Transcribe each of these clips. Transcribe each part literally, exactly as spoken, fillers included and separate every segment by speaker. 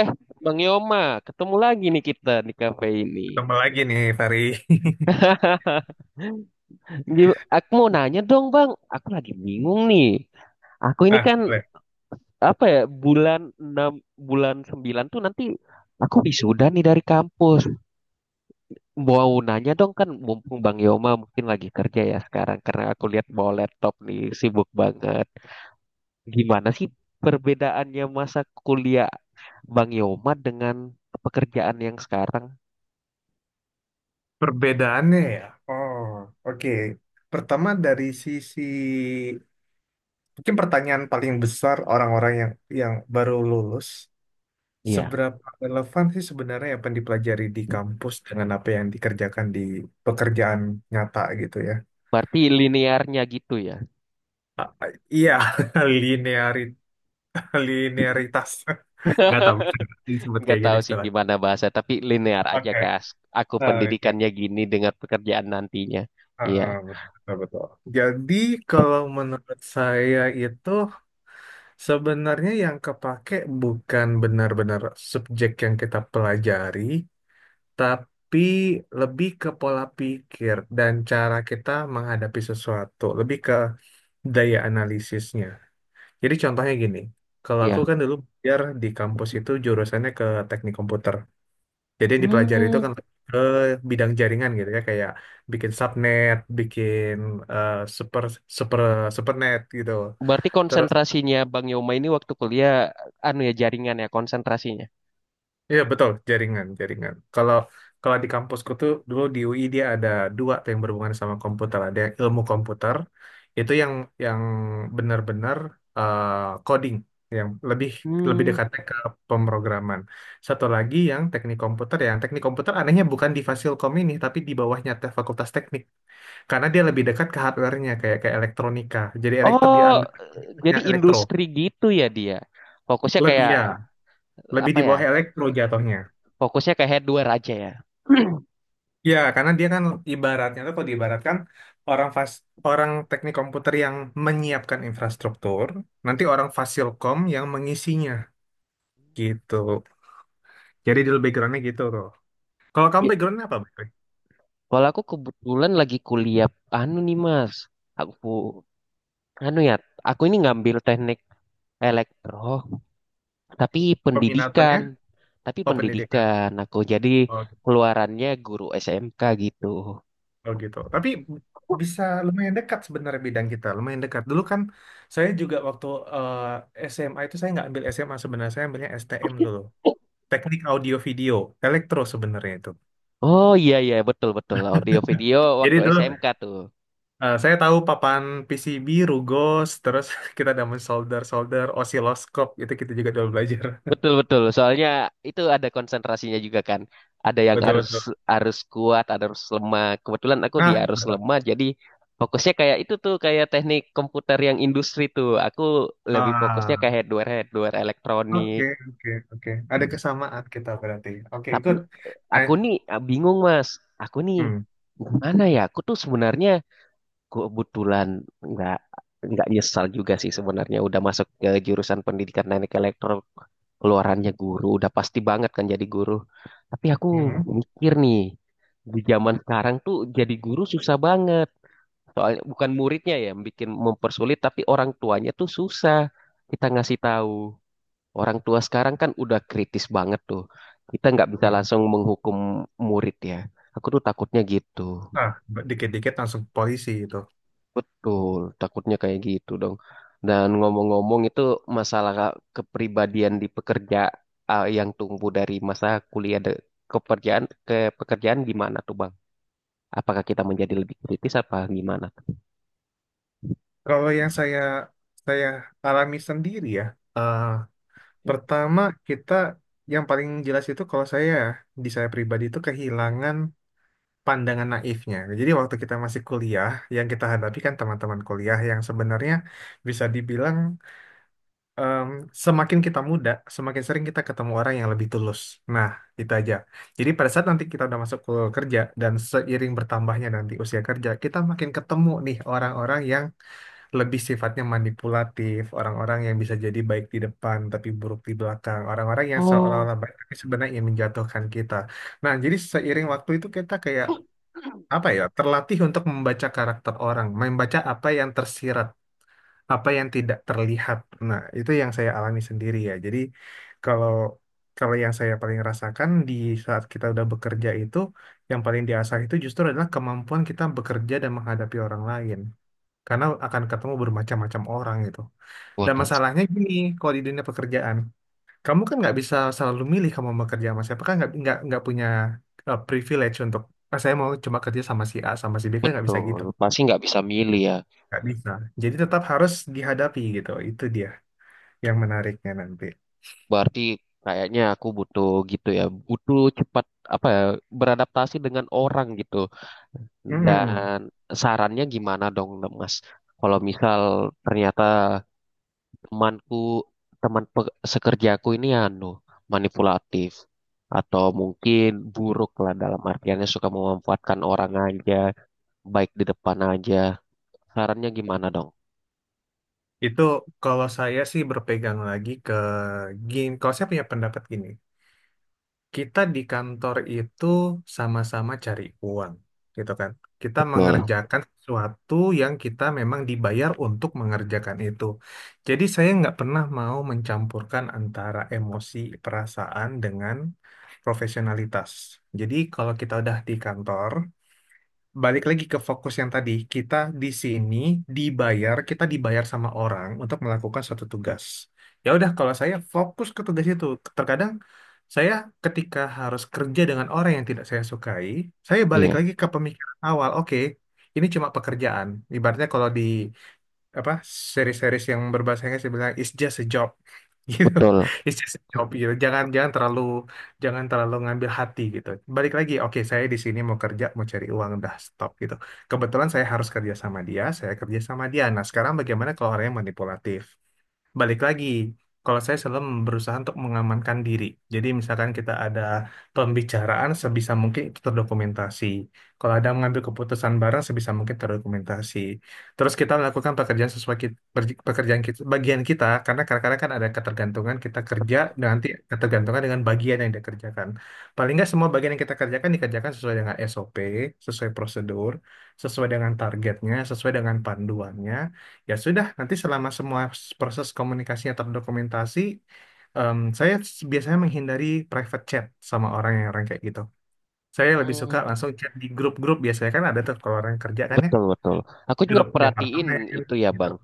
Speaker 1: Eh, Bang Yoma, ketemu lagi nih kita di kafe ini.
Speaker 2: Tambah lagi nih, Fari.
Speaker 1: Gim- Aku mau nanya dong, Bang. Aku lagi bingung nih. Aku ini
Speaker 2: Nah,
Speaker 1: kan
Speaker 2: boleh.
Speaker 1: apa ya, bulan enam bulan sembilan tuh nanti aku wisuda nih dari kampus. Mau nanya dong kan mumpung Bang Yoma mungkin lagi kerja ya sekarang karena aku lihat bawa laptop nih sibuk banget. Gimana sih perbedaannya masa kuliah Bang Yoma dengan pekerjaan yang sekarang?
Speaker 2: Perbedaannya ya. Oh, oke. Pertama dari sisi mungkin pertanyaan paling besar orang-orang yang yang baru lulus,
Speaker 1: Iya,
Speaker 2: seberapa relevan sih sebenarnya apa yang dipelajari di kampus dengan apa yang dikerjakan di pekerjaan nyata gitu ya?
Speaker 1: berarti linearnya gitu ya.
Speaker 2: Ah, ah, Iya, linearit- linearitas. Nggak tahu bisa disebut
Speaker 1: Nggak
Speaker 2: kayak gitu
Speaker 1: tahu sih
Speaker 2: istilahnya.
Speaker 1: gimana bahasa tapi linear aja
Speaker 2: Oke.
Speaker 1: Kak. Aku
Speaker 2: Nah, oke.
Speaker 1: pendidikannya gini dengan pekerjaan nantinya. Iya,
Speaker 2: Ah, betul, betul, betul. Jadi kalau menurut saya itu sebenarnya yang kepake bukan benar-benar subjek yang kita pelajari, tapi lebih ke pola pikir dan cara kita menghadapi sesuatu, lebih ke daya analisisnya. Jadi contohnya gini, kalau aku
Speaker 1: iya.
Speaker 2: kan dulu biar di kampus itu jurusannya ke teknik komputer. Jadi yang dipelajari itu
Speaker 1: Hmm,
Speaker 2: kan lebih ke bidang jaringan gitu ya, kayak bikin subnet, bikin eh, super super supernet gitu.
Speaker 1: berarti
Speaker 2: Terus
Speaker 1: konsentrasinya Bang Yoma ini waktu kuliah anu ya jaringan ya konsentrasinya.
Speaker 2: iya betul jaringan jaringan. Kalau kalau di kampusku tuh dulu di U I dia ada dua tuh yang berhubungan sama komputer. Ada yang ilmu komputer itu yang yang benar-benar eh, coding yang lebih lebih
Speaker 1: Hmm.
Speaker 2: dekatnya ke pemrograman. Satu lagi yang teknik komputer, yang teknik komputer anehnya bukan di Fasilkom ini, tapi di bawahnya te- Fakultas Teknik. Karena dia lebih dekat ke hardware-nya kayak kayak elektronika. Jadi elektro di
Speaker 1: Oh,
Speaker 2: under ya,
Speaker 1: jadi
Speaker 2: elektro.
Speaker 1: industri gitu ya dia. Fokusnya
Speaker 2: Lebih
Speaker 1: kayak
Speaker 2: ya, lebih
Speaker 1: apa
Speaker 2: di
Speaker 1: ya?
Speaker 2: bawah elektro jatuhnya.
Speaker 1: Fokusnya kayak hardware aja ya.
Speaker 2: Ya, karena dia kan ibaratnya tuh kalau diibaratkan orang fas orang teknik komputer yang menyiapkan infrastruktur, nanti orang fasilkom yang mengisinya gitu. Jadi di background-nya gitu tuh. Kalau kamu
Speaker 1: Iya.
Speaker 2: background-nya apa? Boy?
Speaker 1: Kalau aku kebetulan lagi kuliah anu nih Mas. Aku anu ya, aku ini ngambil teknik elektro. tapi
Speaker 2: Peminatannya?
Speaker 1: pendidikan tapi
Speaker 2: Oh, pendidikan.
Speaker 1: pendidikan aku jadi
Speaker 2: Oh, gitu.
Speaker 1: keluarannya guru S M K gitu.
Speaker 2: Oh gitu. Tapi bisa lumayan dekat sebenarnya bidang kita, lumayan dekat. Dulu kan saya juga waktu eh, S M A itu saya nggak ambil S M A sebenarnya, saya ambilnya S T M dulu. Teknik Audio Video, elektro sebenarnya itu.
Speaker 1: Oh, iya, iya, betul, betul, audio video
Speaker 2: Jadi
Speaker 1: waktu
Speaker 2: dulu
Speaker 1: S M K tuh.
Speaker 2: eh, saya tahu papan P C B, rugos, terus kita ada solder-solder, osiloskop, itu kita juga dulu belajar.
Speaker 1: Betul, betul, soalnya itu ada konsentrasinya juga kan. Ada yang harus
Speaker 2: Betul-betul.
Speaker 1: harus kuat, ada harus lemah, kebetulan aku di
Speaker 2: Nah,
Speaker 1: harus
Speaker 2: betul.
Speaker 1: lemah, jadi fokusnya kayak itu tuh kayak teknik komputer yang industri tuh aku lebih fokusnya ke
Speaker 2: Ah,
Speaker 1: hardware hardware elektronik.
Speaker 2: oke, oke, oke. Ada kesamaan kita berarti. Oke,
Speaker 1: Tapi
Speaker 2: good. Eh,
Speaker 1: aku nih ah, bingung Mas. Aku nih
Speaker 2: hmm,
Speaker 1: gimana ya? Aku tuh sebenarnya kebetulan nggak nggak nyesal juga sih sebenarnya udah masuk ke jurusan pendidikan teknik elektro, keluarannya guru udah pasti banget kan jadi guru. Tapi aku
Speaker 2: hmm.
Speaker 1: mikir nih di zaman sekarang tuh jadi guru susah banget. Soalnya bukan muridnya ya yang bikin mempersulit, tapi orang tuanya tuh susah kita ngasih tahu. Orang tua sekarang kan udah kritis banget tuh. Kita nggak bisa
Speaker 2: hmm.
Speaker 1: langsung menghukum murid ya. Aku tuh takutnya gitu.
Speaker 2: Nah, dikit-dikit langsung ke polisi itu.
Speaker 1: Betul, takutnya kayak gitu dong. Dan ngomong-ngomong itu masalah kepribadian di pekerja, ah, yang tumbuh dari masa kuliah de- ke pekerjaan ke pekerjaan gimana tuh Bang? Apakah kita menjadi lebih kritis apa gimana?
Speaker 2: Kalau yang saya saya alami sendiri ya, eh, pertama kita yang paling jelas itu kalau saya di saya pribadi itu kehilangan pandangan naifnya. Jadi waktu kita masih kuliah, yang kita hadapi kan teman-teman kuliah yang sebenarnya bisa dibilang em, semakin kita muda, semakin sering kita ketemu orang yang lebih tulus. Nah, itu aja. Jadi pada saat nanti kita udah masuk ke kerja dan seiring bertambahnya nanti usia kerja, kita makin ketemu nih orang-orang yang lebih sifatnya manipulatif, orang-orang yang bisa jadi baik di depan tapi buruk di belakang, orang-orang yang
Speaker 1: Oh,
Speaker 2: seolah-olah baik tapi sebenarnya ingin menjatuhkan kita. Nah, jadi seiring waktu itu kita kayak apa ya, terlatih untuk membaca karakter orang, membaca apa yang tersirat apa yang tidak terlihat. Nah, itu yang saya alami sendiri ya. Jadi kalau kalau yang saya paling rasakan di saat kita udah bekerja itu, yang paling diasah itu justru adalah kemampuan kita bekerja dan menghadapi orang lain. Karena akan ketemu bermacam-macam orang gitu. Dan
Speaker 1: waduh,
Speaker 2: masalahnya gini, kalau di dunia pekerjaan, kamu kan nggak bisa selalu milih kamu mau kerja sama siapa kan nggak nggak nggak punya eh, privilege untuk "Ah, saya mau cuma kerja sama si A sama si B kan nggak bisa
Speaker 1: betul.
Speaker 2: gitu,
Speaker 1: Pasti nggak bisa milih ya.
Speaker 2: nggak bisa. Jadi tetap harus dihadapi gitu. Itu dia yang menariknya nanti.
Speaker 1: Berarti kayaknya aku butuh gitu ya, butuh cepat apa ya, beradaptasi dengan orang gitu.
Speaker 2: Hmm,
Speaker 1: Dan sarannya gimana dong, Mas? Kalau misal ternyata temanku, teman pe- sekerjaku ini anu manipulatif atau mungkin buruk lah dalam artiannya suka memanfaatkan orang aja, baik di depan aja. Sarannya gimana dong?
Speaker 2: itu kalau saya sih berpegang lagi ke gini, kalau saya punya pendapat gini, kita di kantor itu sama-sama cari uang, gitu kan. Kita
Speaker 1: Betul.
Speaker 2: mengerjakan sesuatu yang kita memang dibayar untuk mengerjakan itu. Jadi saya nggak pernah mau mencampurkan antara emosi, perasaan dengan profesionalitas. Jadi kalau kita udah di kantor, balik lagi ke fokus yang tadi, kita di sini dibayar, kita dibayar sama orang untuk melakukan suatu tugas. Ya udah, kalau saya fokus ke tugas itu, terkadang saya ketika harus kerja dengan orang yang tidak saya sukai, saya balik
Speaker 1: Iya,
Speaker 2: lagi ke pemikiran awal. Oke, ini cuma pekerjaan. Ibaratnya kalau di apa series-series yang berbahasa Inggris dia bilang it's just a job gitu
Speaker 1: betul.
Speaker 2: it's just a job gitu jangan jangan terlalu jangan terlalu ngambil hati gitu balik lagi oke saya di sini mau kerja mau cari uang udah stop gitu kebetulan saya harus kerja sama dia saya kerja sama dia nah sekarang bagaimana kalau orangnya manipulatif. Balik lagi, kalau saya selalu berusaha untuk mengamankan diri. Jadi misalkan kita ada pembicaraan sebisa mungkin itu terdokumentasi. Kalau ada mengambil keputusan bareng sebisa mungkin terdokumentasi. Terus kita melakukan pekerjaan sesuai kit- per- pekerjaan kita, bagian kita karena kadang-kadang kan ada ketergantungan kita kerja
Speaker 1: Betul.
Speaker 2: dan nanti ketergantungan dengan bagian yang dikerjakan. Paling nggak semua bagian yang kita kerjakan dikerjakan sesuai dengan S O P, sesuai prosedur, sesuai dengan targetnya, sesuai dengan panduannya. Ya sudah, nanti selama semua proses komunikasinya terdokumentasi, em, saya s- biasanya menghindari private chat sama orang yang orang kayak gitu. Saya lebih suka
Speaker 1: Hmm.
Speaker 2: langsung chat di grup-grup biasanya kan ada tuh kalau orang kerja kan ya,
Speaker 1: Betul, betul. Aku juga
Speaker 2: grup
Speaker 1: perhatiin
Speaker 2: departemen
Speaker 1: itu ya,
Speaker 2: gitu.
Speaker 1: Bang.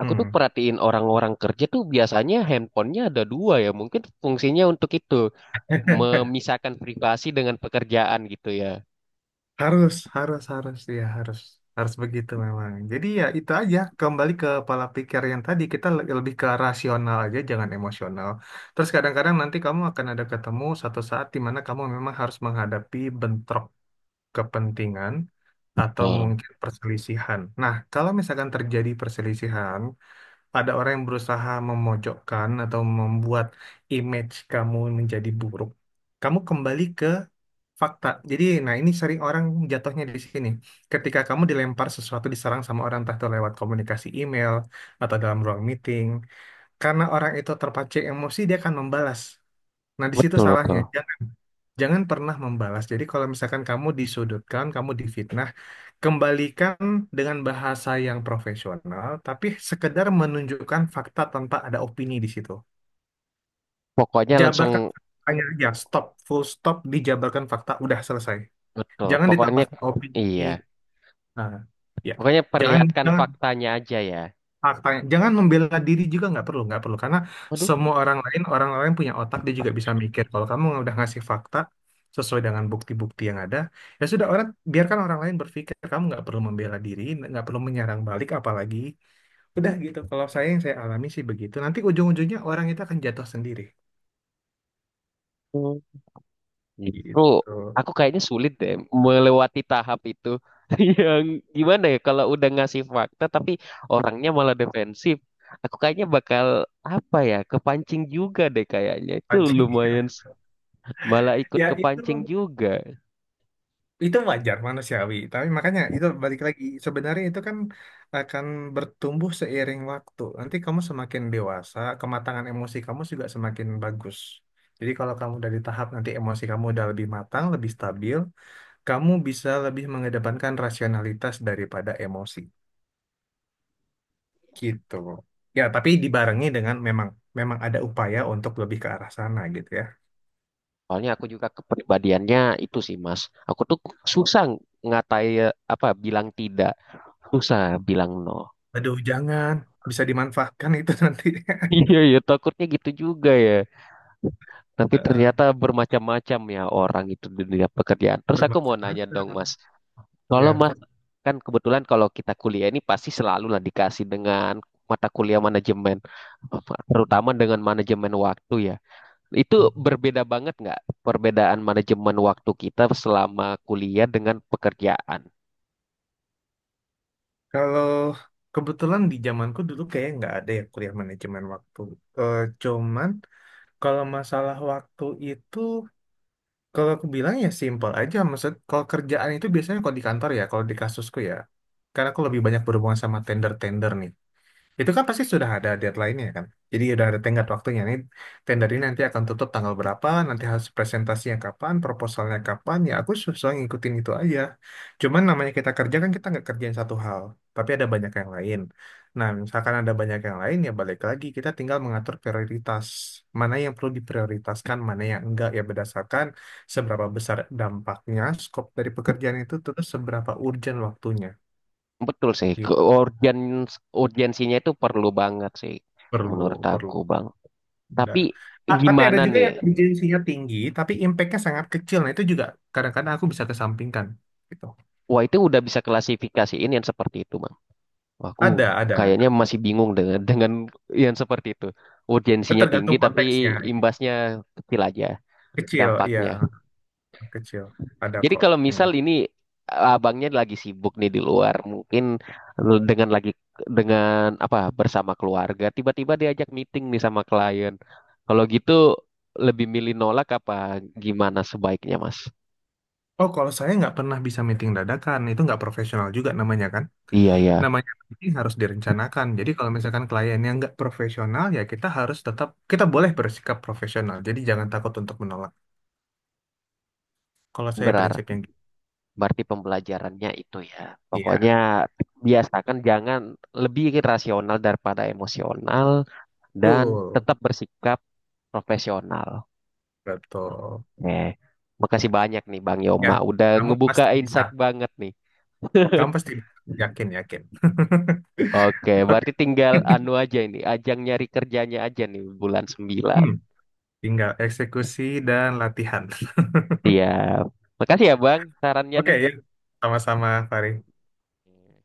Speaker 1: Aku tuh
Speaker 2: Hmm.
Speaker 1: perhatiin orang-orang kerja tuh biasanya handphonenya ada dua ya. Mungkin fungsinya untuk itu, memisahkan privasi dengan pekerjaan gitu ya.
Speaker 2: Harus, harus, harus, ya harus, harus begitu memang. Jadi ya itu aja, kembali ke pola pikir yang tadi kita le- lebih ke rasional aja, jangan emosional. Terus kadang-kadang nanti kamu akan ada ketemu satu saat di mana kamu memang harus menghadapi bentrok kepentingan atau
Speaker 1: Betul,
Speaker 2: mungkin perselisihan. Nah, kalau misalkan terjadi perselisihan, ada orang yang berusaha memojokkan atau membuat image kamu menjadi buruk, kamu kembali ke fakta. Jadi, nah ini sering orang jatuhnya di sini. Ketika kamu dilempar sesuatu, diserang sama orang entah itu lewat komunikasi email atau dalam ruang meeting, karena orang itu terpancing emosi, dia akan membalas. Nah, di situ
Speaker 1: betul,
Speaker 2: salahnya.
Speaker 1: betul.
Speaker 2: Jangan Jangan pernah membalas. Jadi kalau misalkan kamu disudutkan, kamu difitnah, kembalikan dengan bahasa yang profesional, tapi sekedar menunjukkan fakta tanpa ada opini di situ.
Speaker 1: Pokoknya langsung,
Speaker 2: Jabarkan faktanya aja, stop, full stop, dijabarkan fakta, udah selesai.
Speaker 1: betul.
Speaker 2: Jangan
Speaker 1: Pokoknya,
Speaker 2: ditambahkan opini.
Speaker 1: iya.
Speaker 2: Nah, ya,
Speaker 1: Pokoknya
Speaker 2: jangan
Speaker 1: perlihatkan
Speaker 2: jangan
Speaker 1: faktanya aja ya.
Speaker 2: faktanya, jangan membela diri juga nggak perlu, nggak perlu karena
Speaker 1: Waduh,
Speaker 2: semua orang lain orang lain punya otak dia juga bisa mikir. Kalau kamu udah ngasih fakta sesuai dengan bukti-bukti yang ada, ya sudah orang biarkan orang lain berpikir. Kamu nggak perlu membela diri, nggak perlu menyerang balik apalagi. Udah gitu. Kalau saya yang saya alami sih begitu. Nanti ujung-ujungnya orang itu akan jatuh sendiri.
Speaker 1: justru
Speaker 2: Gitu.
Speaker 1: aku kayaknya sulit deh melewati tahap itu. Yang gimana ya kalau udah ngasih fakta tapi orangnya malah defensif. Aku kayaknya bakal apa ya kepancing juga deh kayaknya. Itu lumayan.
Speaker 2: Pancingnya.
Speaker 1: S- malah ikut
Speaker 2: Ya itu
Speaker 1: kepancing juga.
Speaker 2: itu wajar manusiawi. Tapi makanya itu balik lagi. Sebenarnya itu kan akan bertumbuh seiring waktu. Nanti kamu semakin dewasa, kematangan emosi kamu juga semakin bagus. Jadi kalau kamu dari tahap nanti emosi kamu udah lebih matang, lebih stabil, kamu bisa lebih mengedepankan rasionalitas daripada emosi. Gitu. Ya, tapi dibarengi dengan memang memang ada upaya untuk lebih ke arah sana gitu ya.
Speaker 1: Soalnya aku juga kepribadiannya itu sih Mas. Aku tuh susah ngatai apa bilang tidak, susah bilang no.
Speaker 2: Aduh, jangan bisa dimanfaatkan itu nanti.
Speaker 1: Iya ya takutnya gitu juga ya. Tapi
Speaker 2: Eh,
Speaker 1: ternyata bermacam-macam ya orang itu di dunia pekerjaan. Terus aku mau nanya dong,
Speaker 2: bermacam-macam.
Speaker 1: Mas. Kalau
Speaker 2: Ya.
Speaker 1: Mas, kan kebetulan kalau kita kuliah ini pasti selalu lah dikasih dengan mata kuliah manajemen,
Speaker 2: Mm-mm.
Speaker 1: terutama dengan manajemen waktu ya. Itu
Speaker 2: Mm-mm.
Speaker 1: berbeda banget nggak perbedaan manajemen waktu kita selama kuliah dengan pekerjaan?
Speaker 2: Kalau kebetulan di zamanku dulu kayak nggak ada ya kuliah manajemen waktu. Eh, cuman kalau masalah waktu itu kalau aku bilang ya simpel aja. Maksud kalau kerjaan itu biasanya kalau di kantor ya, kalau di kasusku ya. Karena aku lebih banyak berhubungan sama tender-tender nih. Itu kan pasti sudah ada deadline-nya ya, kan. Jadi udah ada tenggat waktunya ini. Tender ini nanti akan tutup tanggal berapa, nanti harus presentasinya kapan, proposalnya kapan. Ya aku susah ngikutin itu aja. Cuman namanya kita kerja kan kita nggak kerjain satu hal, tapi ada banyak yang lain. Nah, misalkan ada banyak yang lain ya balik lagi kita tinggal mengatur prioritas. Mana yang perlu diprioritaskan, mana yang enggak ya berdasarkan seberapa besar dampaknya, skop dari pekerjaan itu terus seberapa urgent waktunya.
Speaker 1: Betul sih,
Speaker 2: Gitu.
Speaker 1: ke- urgen- urgensinya itu perlu banget sih menurut
Speaker 2: Perlu,
Speaker 1: aku,
Speaker 2: perlu.
Speaker 1: Bang. Tapi
Speaker 2: Benar. Ah, tapi ada
Speaker 1: gimana
Speaker 2: juga
Speaker 1: nih?
Speaker 2: yang urgensinya tinggi, tapi impact-nya sangat kecil. Nah, itu juga kadang-kadang aku bisa kesampingkan. Gitu.
Speaker 1: Wah, itu udah bisa klasifikasiin yang seperti itu, Bang. Wah, aku
Speaker 2: Ada, ada, ada.
Speaker 1: kayaknya masih bingung dengan dengan yang seperti itu.
Speaker 2: Itu
Speaker 1: Urgensinya tinggi
Speaker 2: tergantung
Speaker 1: tapi
Speaker 2: konteksnya. Ini.
Speaker 1: imbasnya kecil aja
Speaker 2: Kecil, iya.
Speaker 1: dampaknya.
Speaker 2: Kecil. Ada
Speaker 1: Jadi
Speaker 2: kok.
Speaker 1: kalau misal
Speaker 2: Yang-
Speaker 1: ini eh, abangnya lagi sibuk nih di luar, mungkin dengan lagi dengan apa bersama keluarga, tiba-tiba diajak meeting nih sama klien. Kalau gitu lebih milih nolak apa gimana sebaiknya, Mas?
Speaker 2: Oh, kalau saya nggak pernah bisa meeting dadakan, itu nggak profesional juga namanya kan.
Speaker 1: Iya, ya.
Speaker 2: Namanya meeting harus direncanakan. Jadi kalau misalkan kliennya nggak profesional, ya kita harus tetap, kita boleh bersikap profesional. Jadi jangan takut untuk menolak. Kalau saya
Speaker 1: Benar.
Speaker 2: prinsipnya gitu.
Speaker 1: Berarti pembelajarannya itu ya.
Speaker 2: Iya,
Speaker 1: Pokoknya biasakan jangan, lebih rasional daripada emosional dan
Speaker 2: betul.
Speaker 1: tetap bersikap profesional.
Speaker 2: Betul.
Speaker 1: Oke. Makasih banyak nih Bang
Speaker 2: Ya,
Speaker 1: Yoma udah
Speaker 2: kamu
Speaker 1: ngebuka
Speaker 2: pasti bisa.
Speaker 1: insight banget nih.
Speaker 2: Kamu pasti bisa. Yakin, yakin.
Speaker 1: Oke,
Speaker 2: Oke.
Speaker 1: berarti tinggal anu aja ini, ajang nyari kerjanya aja nih bulan sembilan.
Speaker 2: Hmm, tinggal eksekusi dan latihan.
Speaker 1: Siap. Makasih ya Bang sarannya
Speaker 2: Oke,
Speaker 1: nih.
Speaker 2: ya. Sama-sama, Fari.